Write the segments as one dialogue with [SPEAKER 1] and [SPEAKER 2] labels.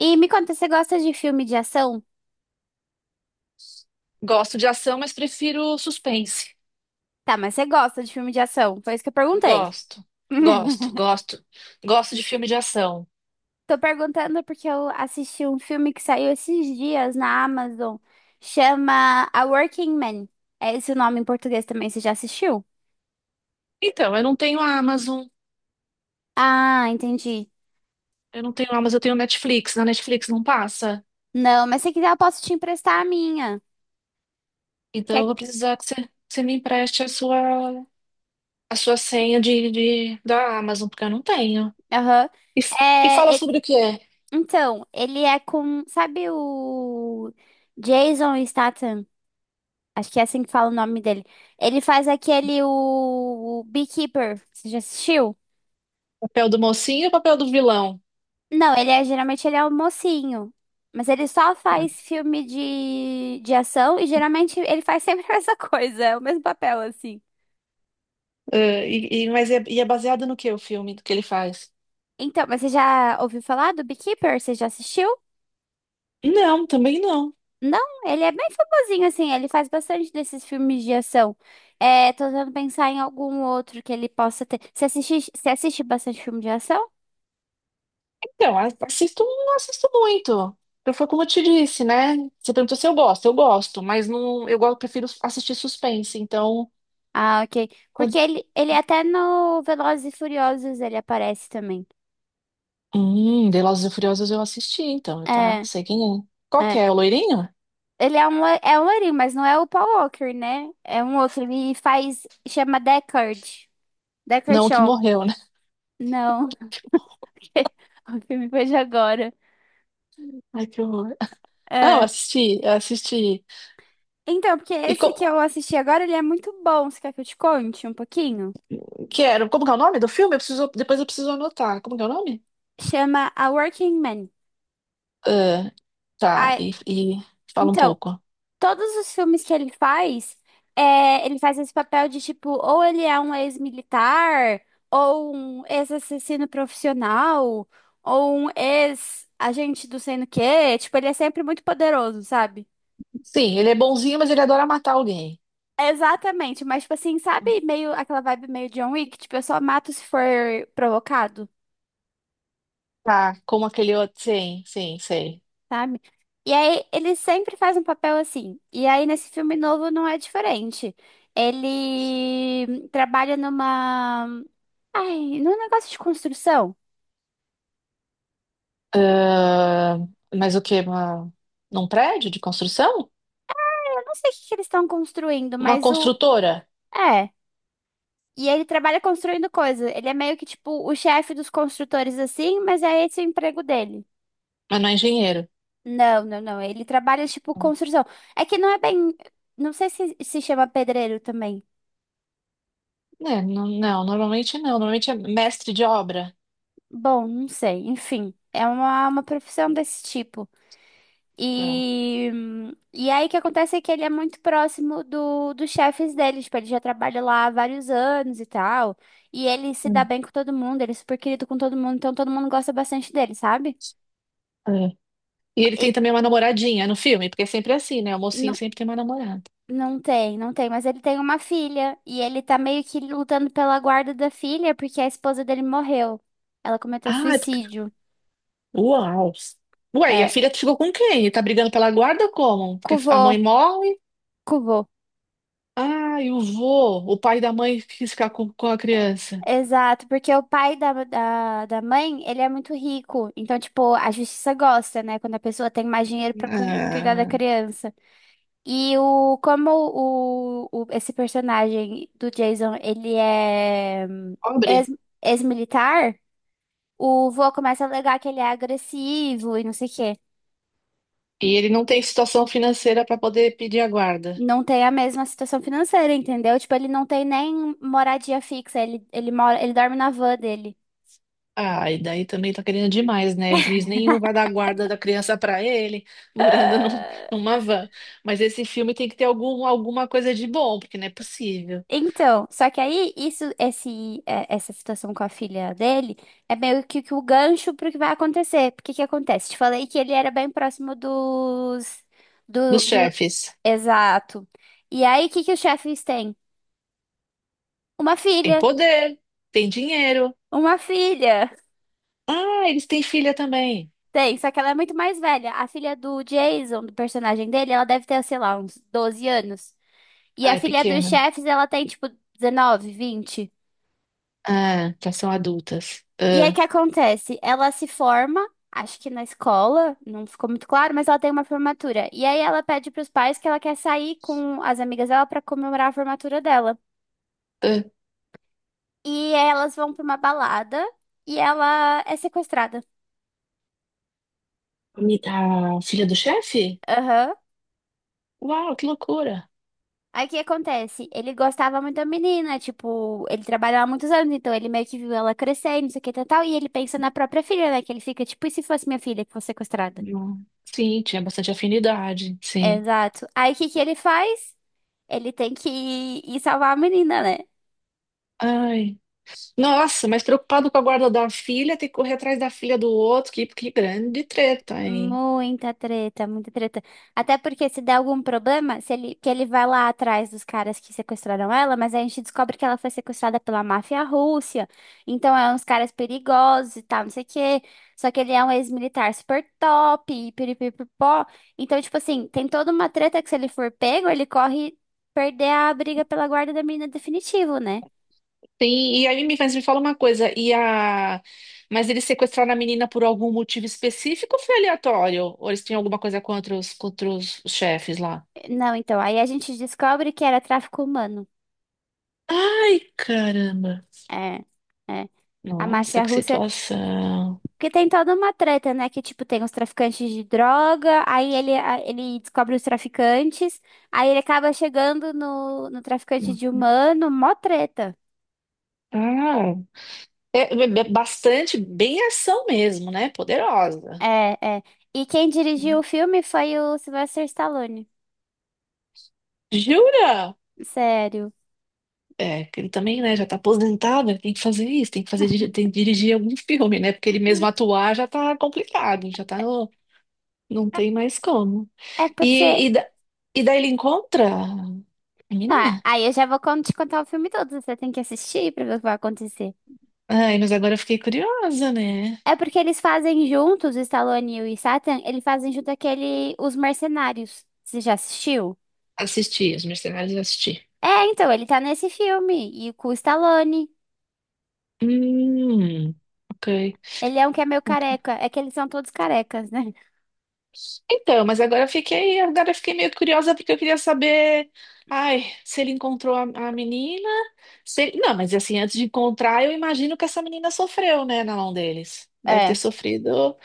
[SPEAKER 1] E me conta, você gosta de filme de ação?
[SPEAKER 2] Gosto de ação, mas prefiro suspense.
[SPEAKER 1] Tá, mas você gosta de filme de ação? Foi isso que eu perguntei.
[SPEAKER 2] Gosto, gosto, gosto. Gosto de filme de ação.
[SPEAKER 1] Tô perguntando porque eu assisti um filme que saiu esses dias na Amazon. Chama A Working Man. É esse o nome em português também, você já assistiu?
[SPEAKER 2] Então, eu não tenho Amazon.
[SPEAKER 1] Ah, entendi.
[SPEAKER 2] Eu não tenho Amazon, eu tenho Netflix. Na Netflix não passa.
[SPEAKER 1] Não, mas se quiser eu posso te emprestar a minha.
[SPEAKER 2] Então, eu
[SPEAKER 1] Quer...
[SPEAKER 2] vou precisar que você me empreste a sua senha da Amazon, porque eu não tenho.
[SPEAKER 1] Aham.
[SPEAKER 2] E, e fala
[SPEAKER 1] É, e-
[SPEAKER 2] sobre o que é?
[SPEAKER 1] Então, ele é com... Sabe o Jason Statham? Acho que é assim que fala o nome dele. Ele faz aquele o Beekeeper. Você já assistiu?
[SPEAKER 2] Papel do mocinho ou papel do vilão?
[SPEAKER 1] Não, ele é geralmente ele é o mocinho. Mas ele só
[SPEAKER 2] Ah,
[SPEAKER 1] faz filme de ação, e geralmente ele faz sempre a mesma coisa, é o mesmo papel assim.
[SPEAKER 2] mas é, e é baseado no que o filme, do que ele faz?
[SPEAKER 1] Então, mas você já ouviu falar do Beekeeper? Você já assistiu?
[SPEAKER 2] Não, também não.
[SPEAKER 1] Não, ele é bem famosinho assim, ele faz bastante desses filmes de ação. É, tô tentando pensar em algum outro que ele possa ter. Você assiste bastante filme de ação?
[SPEAKER 2] Então, assisto, não assisto muito. Eu foi como eu te disse, né? Você perguntou se eu gosto, eu gosto, mas não, eu gosto, prefiro assistir suspense. Então,
[SPEAKER 1] Ah, ok. Porque
[SPEAKER 2] quando,
[SPEAKER 1] ele até no Velozes e Furiosos ele aparece também.
[SPEAKER 2] Velozes e Furiosos eu assisti, então, tá?
[SPEAKER 1] É,
[SPEAKER 2] Sei quem é. Qual que
[SPEAKER 1] é.
[SPEAKER 2] é? O loirinho?
[SPEAKER 1] Ele é um loirinho, mas não é o Paul Walker, né? É um outro. Ele faz. Chama Deckard. Deckard
[SPEAKER 2] Não, o que
[SPEAKER 1] Shaw.
[SPEAKER 2] morreu, né?
[SPEAKER 1] Não. O filme foi de agora.
[SPEAKER 2] Ai, que horror. Ah, eu
[SPEAKER 1] É.
[SPEAKER 2] assisti, eu assisti.
[SPEAKER 1] Então, porque
[SPEAKER 2] E co
[SPEAKER 1] esse que eu assisti agora, ele é muito bom. Você quer que eu te conte um pouquinho?
[SPEAKER 2] que era, como que é o nome do filme? Eu preciso, depois eu preciso anotar. Como que é o nome?
[SPEAKER 1] Chama A Working Man.
[SPEAKER 2] Ah, tá,
[SPEAKER 1] Ah,
[SPEAKER 2] e fala um
[SPEAKER 1] então,
[SPEAKER 2] pouco.
[SPEAKER 1] todos os filmes que ele faz, ele faz esse papel de tipo, ou ele é um ex-militar, ou um ex-assassino profissional, ou um ex-agente do sei no quê. Tipo, ele é sempre muito poderoso, sabe?
[SPEAKER 2] Sim, ele é bonzinho, mas ele adora matar alguém.
[SPEAKER 1] Exatamente, mas tipo assim, sabe, meio aquela vibe meio John Wick, tipo, eu só mato se for provocado,
[SPEAKER 2] Tá, como aquele outro. Sim, sim, sei.
[SPEAKER 1] sabe? E aí ele sempre faz um papel assim. E aí nesse filme novo não é diferente. Ele trabalha numa... Ai, no negócio de construção,
[SPEAKER 2] Ah, mas o quê? Uma, num prédio de construção?
[SPEAKER 1] eu não sei o que que eles estão construindo,
[SPEAKER 2] Uma
[SPEAKER 1] mas o.
[SPEAKER 2] construtora,
[SPEAKER 1] É. E ele trabalha construindo coisa. Ele é meio que tipo o chefe dos construtores, assim, mas é esse o emprego dele.
[SPEAKER 2] mas não é engenheiro.
[SPEAKER 1] Não, não, não. Ele trabalha tipo construção. É que não é bem. Não sei se se chama pedreiro também.
[SPEAKER 2] É, não, não, normalmente não. Normalmente é mestre de obra.
[SPEAKER 1] Bom, não sei. Enfim, é uma profissão desse tipo.
[SPEAKER 2] É.
[SPEAKER 1] E, e aí o que acontece é que ele é muito próximo dos chefes dele, tipo, ele já trabalha lá há vários anos e tal. E ele se dá
[SPEAKER 2] Hum.
[SPEAKER 1] bem com todo mundo, ele é super querido com todo mundo, então todo mundo gosta bastante dele, sabe?
[SPEAKER 2] É. E ele
[SPEAKER 1] E
[SPEAKER 2] tem também uma namoradinha no filme, porque é sempre assim, né? O mocinho
[SPEAKER 1] não,
[SPEAKER 2] sempre tem uma namorada.
[SPEAKER 1] não tem, não tem, mas ele tem uma filha, e ele tá meio que lutando pela guarda da filha porque a esposa dele morreu. Ela cometeu
[SPEAKER 2] Ah, é porque-
[SPEAKER 1] suicídio.
[SPEAKER 2] uau! Ué, e a
[SPEAKER 1] É,
[SPEAKER 2] filha ficou com quem? E tá brigando pela guarda como? Porque a
[SPEAKER 1] cuvô,
[SPEAKER 2] mãe morre?
[SPEAKER 1] cuvô.
[SPEAKER 2] Ah, e o vô, o pai da mãe quis ficar com a criança.
[SPEAKER 1] Exato, porque o pai da mãe, ele é muito rico. Então, tipo, a justiça gosta, né? Quando a pessoa tem mais dinheiro pra cuidar da
[SPEAKER 2] Ah,
[SPEAKER 1] criança. Como esse personagem do Jason, ele é ex,
[SPEAKER 2] pobre.
[SPEAKER 1] ex-militar, o vô começa a alegar que ele é agressivo e não sei o quê.
[SPEAKER 2] E ele não tem situação financeira para poder pedir a guarda.
[SPEAKER 1] Não tem a mesma situação financeira, entendeu? Tipo, ele não tem nem moradia fixa, ele mora, ele dorme na van dele.
[SPEAKER 2] Ah, e daí também tá querendo demais, né? Juiz nenhum vai dar guarda da criança para ele, morando numa van. Mas esse filme tem que ter algum, alguma coisa de bom, porque não é possível.
[SPEAKER 1] Então, só que aí essa situação com a filha dele é meio que o gancho pro que vai acontecer. Porque que acontece? Te falei que ele era bem próximo dos, do,
[SPEAKER 2] Dos
[SPEAKER 1] do-
[SPEAKER 2] chefes.
[SPEAKER 1] exato. E aí, o que que os chefes têm? Uma
[SPEAKER 2] Tem
[SPEAKER 1] filha,
[SPEAKER 2] poder, tem dinheiro.
[SPEAKER 1] uma filha.
[SPEAKER 2] Ah, eles têm filha também.
[SPEAKER 1] Tem, só que ela é muito mais velha. A filha do Jason, do personagem dele, ela deve ter, sei lá, uns 12 anos. E
[SPEAKER 2] Ah,
[SPEAKER 1] a
[SPEAKER 2] é
[SPEAKER 1] filha dos
[SPEAKER 2] pequena.
[SPEAKER 1] chefes, ela tem tipo 19, 20.
[SPEAKER 2] Ah, já são adultas.
[SPEAKER 1] E aí, o
[SPEAKER 2] Ah,
[SPEAKER 1] que acontece? Ela se forma, acho que na escola, não ficou muito claro, mas ela tem uma formatura. E aí, ela pede para os pais que ela quer sair com as amigas dela para comemorar a formatura dela.
[SPEAKER 2] ah.
[SPEAKER 1] E elas vão para uma balada e ela é sequestrada.
[SPEAKER 2] A filha do chefe?
[SPEAKER 1] Aham.
[SPEAKER 2] Uau, que loucura.
[SPEAKER 1] Aí, o que acontece? Ele gostava muito da menina, tipo, ele trabalhava há muitos anos, então ele meio que viu ela crescer e não sei o que tal, tal, e ele pensa na própria filha, né? Que ele fica tipo, e se fosse minha filha que fosse sequestrada?
[SPEAKER 2] Hum. Sim, tinha bastante afinidade, sim.
[SPEAKER 1] Exato. Aí, o que que ele faz? Ele tem que ir salvar a menina, né?
[SPEAKER 2] Ai. Nossa, mas preocupado com a guarda da filha, tem que correr atrás da filha do outro, que grande treta, hein?
[SPEAKER 1] Muita treta, muita treta. Até porque se der algum problema, se ele, que ele vai lá atrás dos caras que sequestraram ela, mas aí a gente descobre que ela foi sequestrada pela máfia russa. Então é uns caras perigosos e tal, não sei o quê. Só que ele é um ex-militar super top, e piripipopó. Então, tipo assim, tem toda uma treta que se ele for pego, ele corre perder a briga pela guarda da menina definitivo, né?
[SPEAKER 2] Tem, e aí mas me fala uma coisa, e a... mas eles sequestraram a menina por algum motivo específico ou foi aleatório? Ou eles tinham alguma coisa contra os, contra os chefes lá?
[SPEAKER 1] Não, então, aí a gente descobre que era tráfico humano.
[SPEAKER 2] Ai, caramba!
[SPEAKER 1] É, é. A
[SPEAKER 2] Nossa,
[SPEAKER 1] Márcia
[SPEAKER 2] que
[SPEAKER 1] Rússia,
[SPEAKER 2] situação!
[SPEAKER 1] porque tem toda uma treta, né? Que, tipo, tem os traficantes de droga, aí ele descobre os traficantes, aí ele acaba chegando no traficante de humano, mó treta.
[SPEAKER 2] Ah, é, é bastante, bem ação mesmo, né? Poderosa.
[SPEAKER 1] É, é. E quem dirigiu o filme foi o Sylvester Stallone.
[SPEAKER 2] Jura?
[SPEAKER 1] Sério.
[SPEAKER 2] É, que ele também, né, já tá aposentado, ele tem que fazer isso, tem que fazer, tem que dirigir algum filme, né? Porque ele mesmo atuar já tá complicado, já tá no, não tem mais como.
[SPEAKER 1] É porque.
[SPEAKER 2] E, e, da- e daí ele encontra a
[SPEAKER 1] Ah,
[SPEAKER 2] menina.
[SPEAKER 1] aí eu já vou te contar o filme todo, você tem que assistir pra ver o que vai acontecer.
[SPEAKER 2] Ai, mas agora eu fiquei curiosa, né?
[SPEAKER 1] É porque eles fazem juntos, Stallone e o Statham, eles fazem junto aquele Os Mercenários. Você já assistiu?
[SPEAKER 2] Assisti, Os Mercenários eu assisti.
[SPEAKER 1] É, então, ele tá nesse filme. E com o Stallone.
[SPEAKER 2] Hum, ok.
[SPEAKER 1] Ele é um que é meio
[SPEAKER 2] Ok.
[SPEAKER 1] careca. É que eles são todos carecas, né?
[SPEAKER 2] Então, mas agora eu fiquei meio curiosa porque eu queria saber, ai, se ele encontrou a menina, se ele- não, mas assim, antes de encontrar, eu imagino que essa menina sofreu, né, na mão deles. Deve ter
[SPEAKER 1] É.
[SPEAKER 2] sofrido.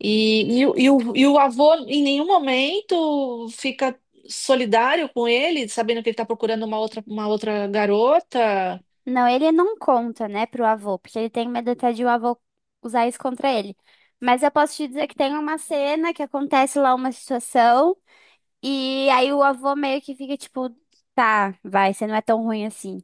[SPEAKER 2] E, o, e o avô em nenhum momento fica solidário com ele, sabendo que ele está procurando uma outra garota.
[SPEAKER 1] Não, ele não conta, né, pro avô, porque ele tem medo até de o avô usar isso contra ele. Mas eu posso te dizer que tem uma cena que acontece lá uma situação, e aí o avô meio que fica tipo, tá, vai, você não é tão ruim assim.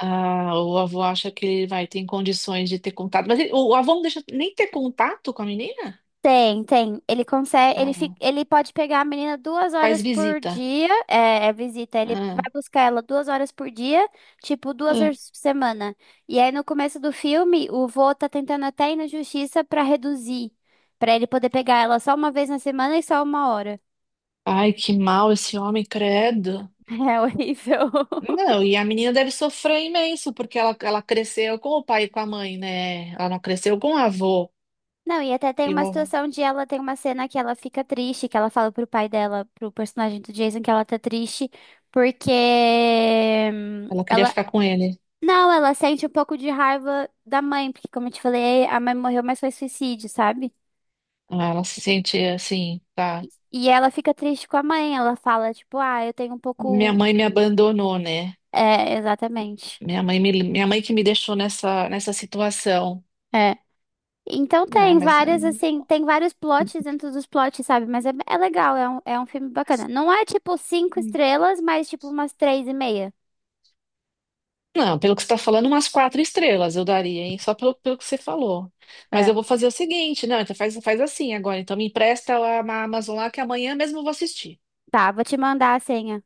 [SPEAKER 2] Ah, o avô acha que ele vai ter condições de ter contato. Mas o avô não deixa nem ter contato com a menina?
[SPEAKER 1] Tem, tem. Ele consegue, ele fica,
[SPEAKER 2] Ah,
[SPEAKER 1] ele pode pegar a menina duas
[SPEAKER 2] faz
[SPEAKER 1] horas por
[SPEAKER 2] visita.
[SPEAKER 1] dia, é visita. Ele vai
[SPEAKER 2] É,
[SPEAKER 1] buscar ela 2 horas por dia, tipo duas
[SPEAKER 2] é.
[SPEAKER 1] horas por semana. E aí no começo do filme, o vô tá tentando até ir na justiça pra reduzir, pra ele poder pegar ela só uma vez na semana e só 1 hora.
[SPEAKER 2] Ai, que mal esse homem, credo.
[SPEAKER 1] É horrível.
[SPEAKER 2] Não, e a menina deve sofrer imenso, porque ela cresceu com o pai e com a mãe, né? Ela não cresceu com o avô.
[SPEAKER 1] Não, e até tem
[SPEAKER 2] E
[SPEAKER 1] uma
[SPEAKER 2] o-
[SPEAKER 1] situação de ela tem uma cena que ela fica triste, que ela fala pro pai dela, pro personagem do Jason, que ela tá triste porque
[SPEAKER 2] ela queria
[SPEAKER 1] ela...
[SPEAKER 2] ficar com ele.
[SPEAKER 1] Não, ela sente um pouco de raiva da mãe, porque como eu te falei, a mãe morreu, mas foi suicídio, sabe?
[SPEAKER 2] Ah, ela se sente assim, tá?
[SPEAKER 1] E ela fica triste com a mãe, ela fala, tipo, ah, eu tenho um
[SPEAKER 2] Minha
[SPEAKER 1] pouco.
[SPEAKER 2] mãe me abandonou, né?
[SPEAKER 1] É, exatamente.
[SPEAKER 2] Minha mãe, minha mãe que me deixou nessa, nessa situação.
[SPEAKER 1] É. Então
[SPEAKER 2] Ah,
[SPEAKER 1] tem
[SPEAKER 2] mas
[SPEAKER 1] várias, assim, tem vários plots dentro dos plots, sabe? Mas é legal, é um filme bacana. Não é tipo cinco
[SPEAKER 2] hum,
[SPEAKER 1] estrelas, mas tipo umas três e meia.
[SPEAKER 2] não, pelo que você está falando, umas quatro estrelas eu daria, hein? Só pelo, pelo que você falou. Mas
[SPEAKER 1] É.
[SPEAKER 2] eu vou fazer o seguinte, não, então faz, faz assim agora. Então me empresta a Amazon lá que amanhã mesmo eu vou assistir.
[SPEAKER 1] Tá, vou te mandar a senha.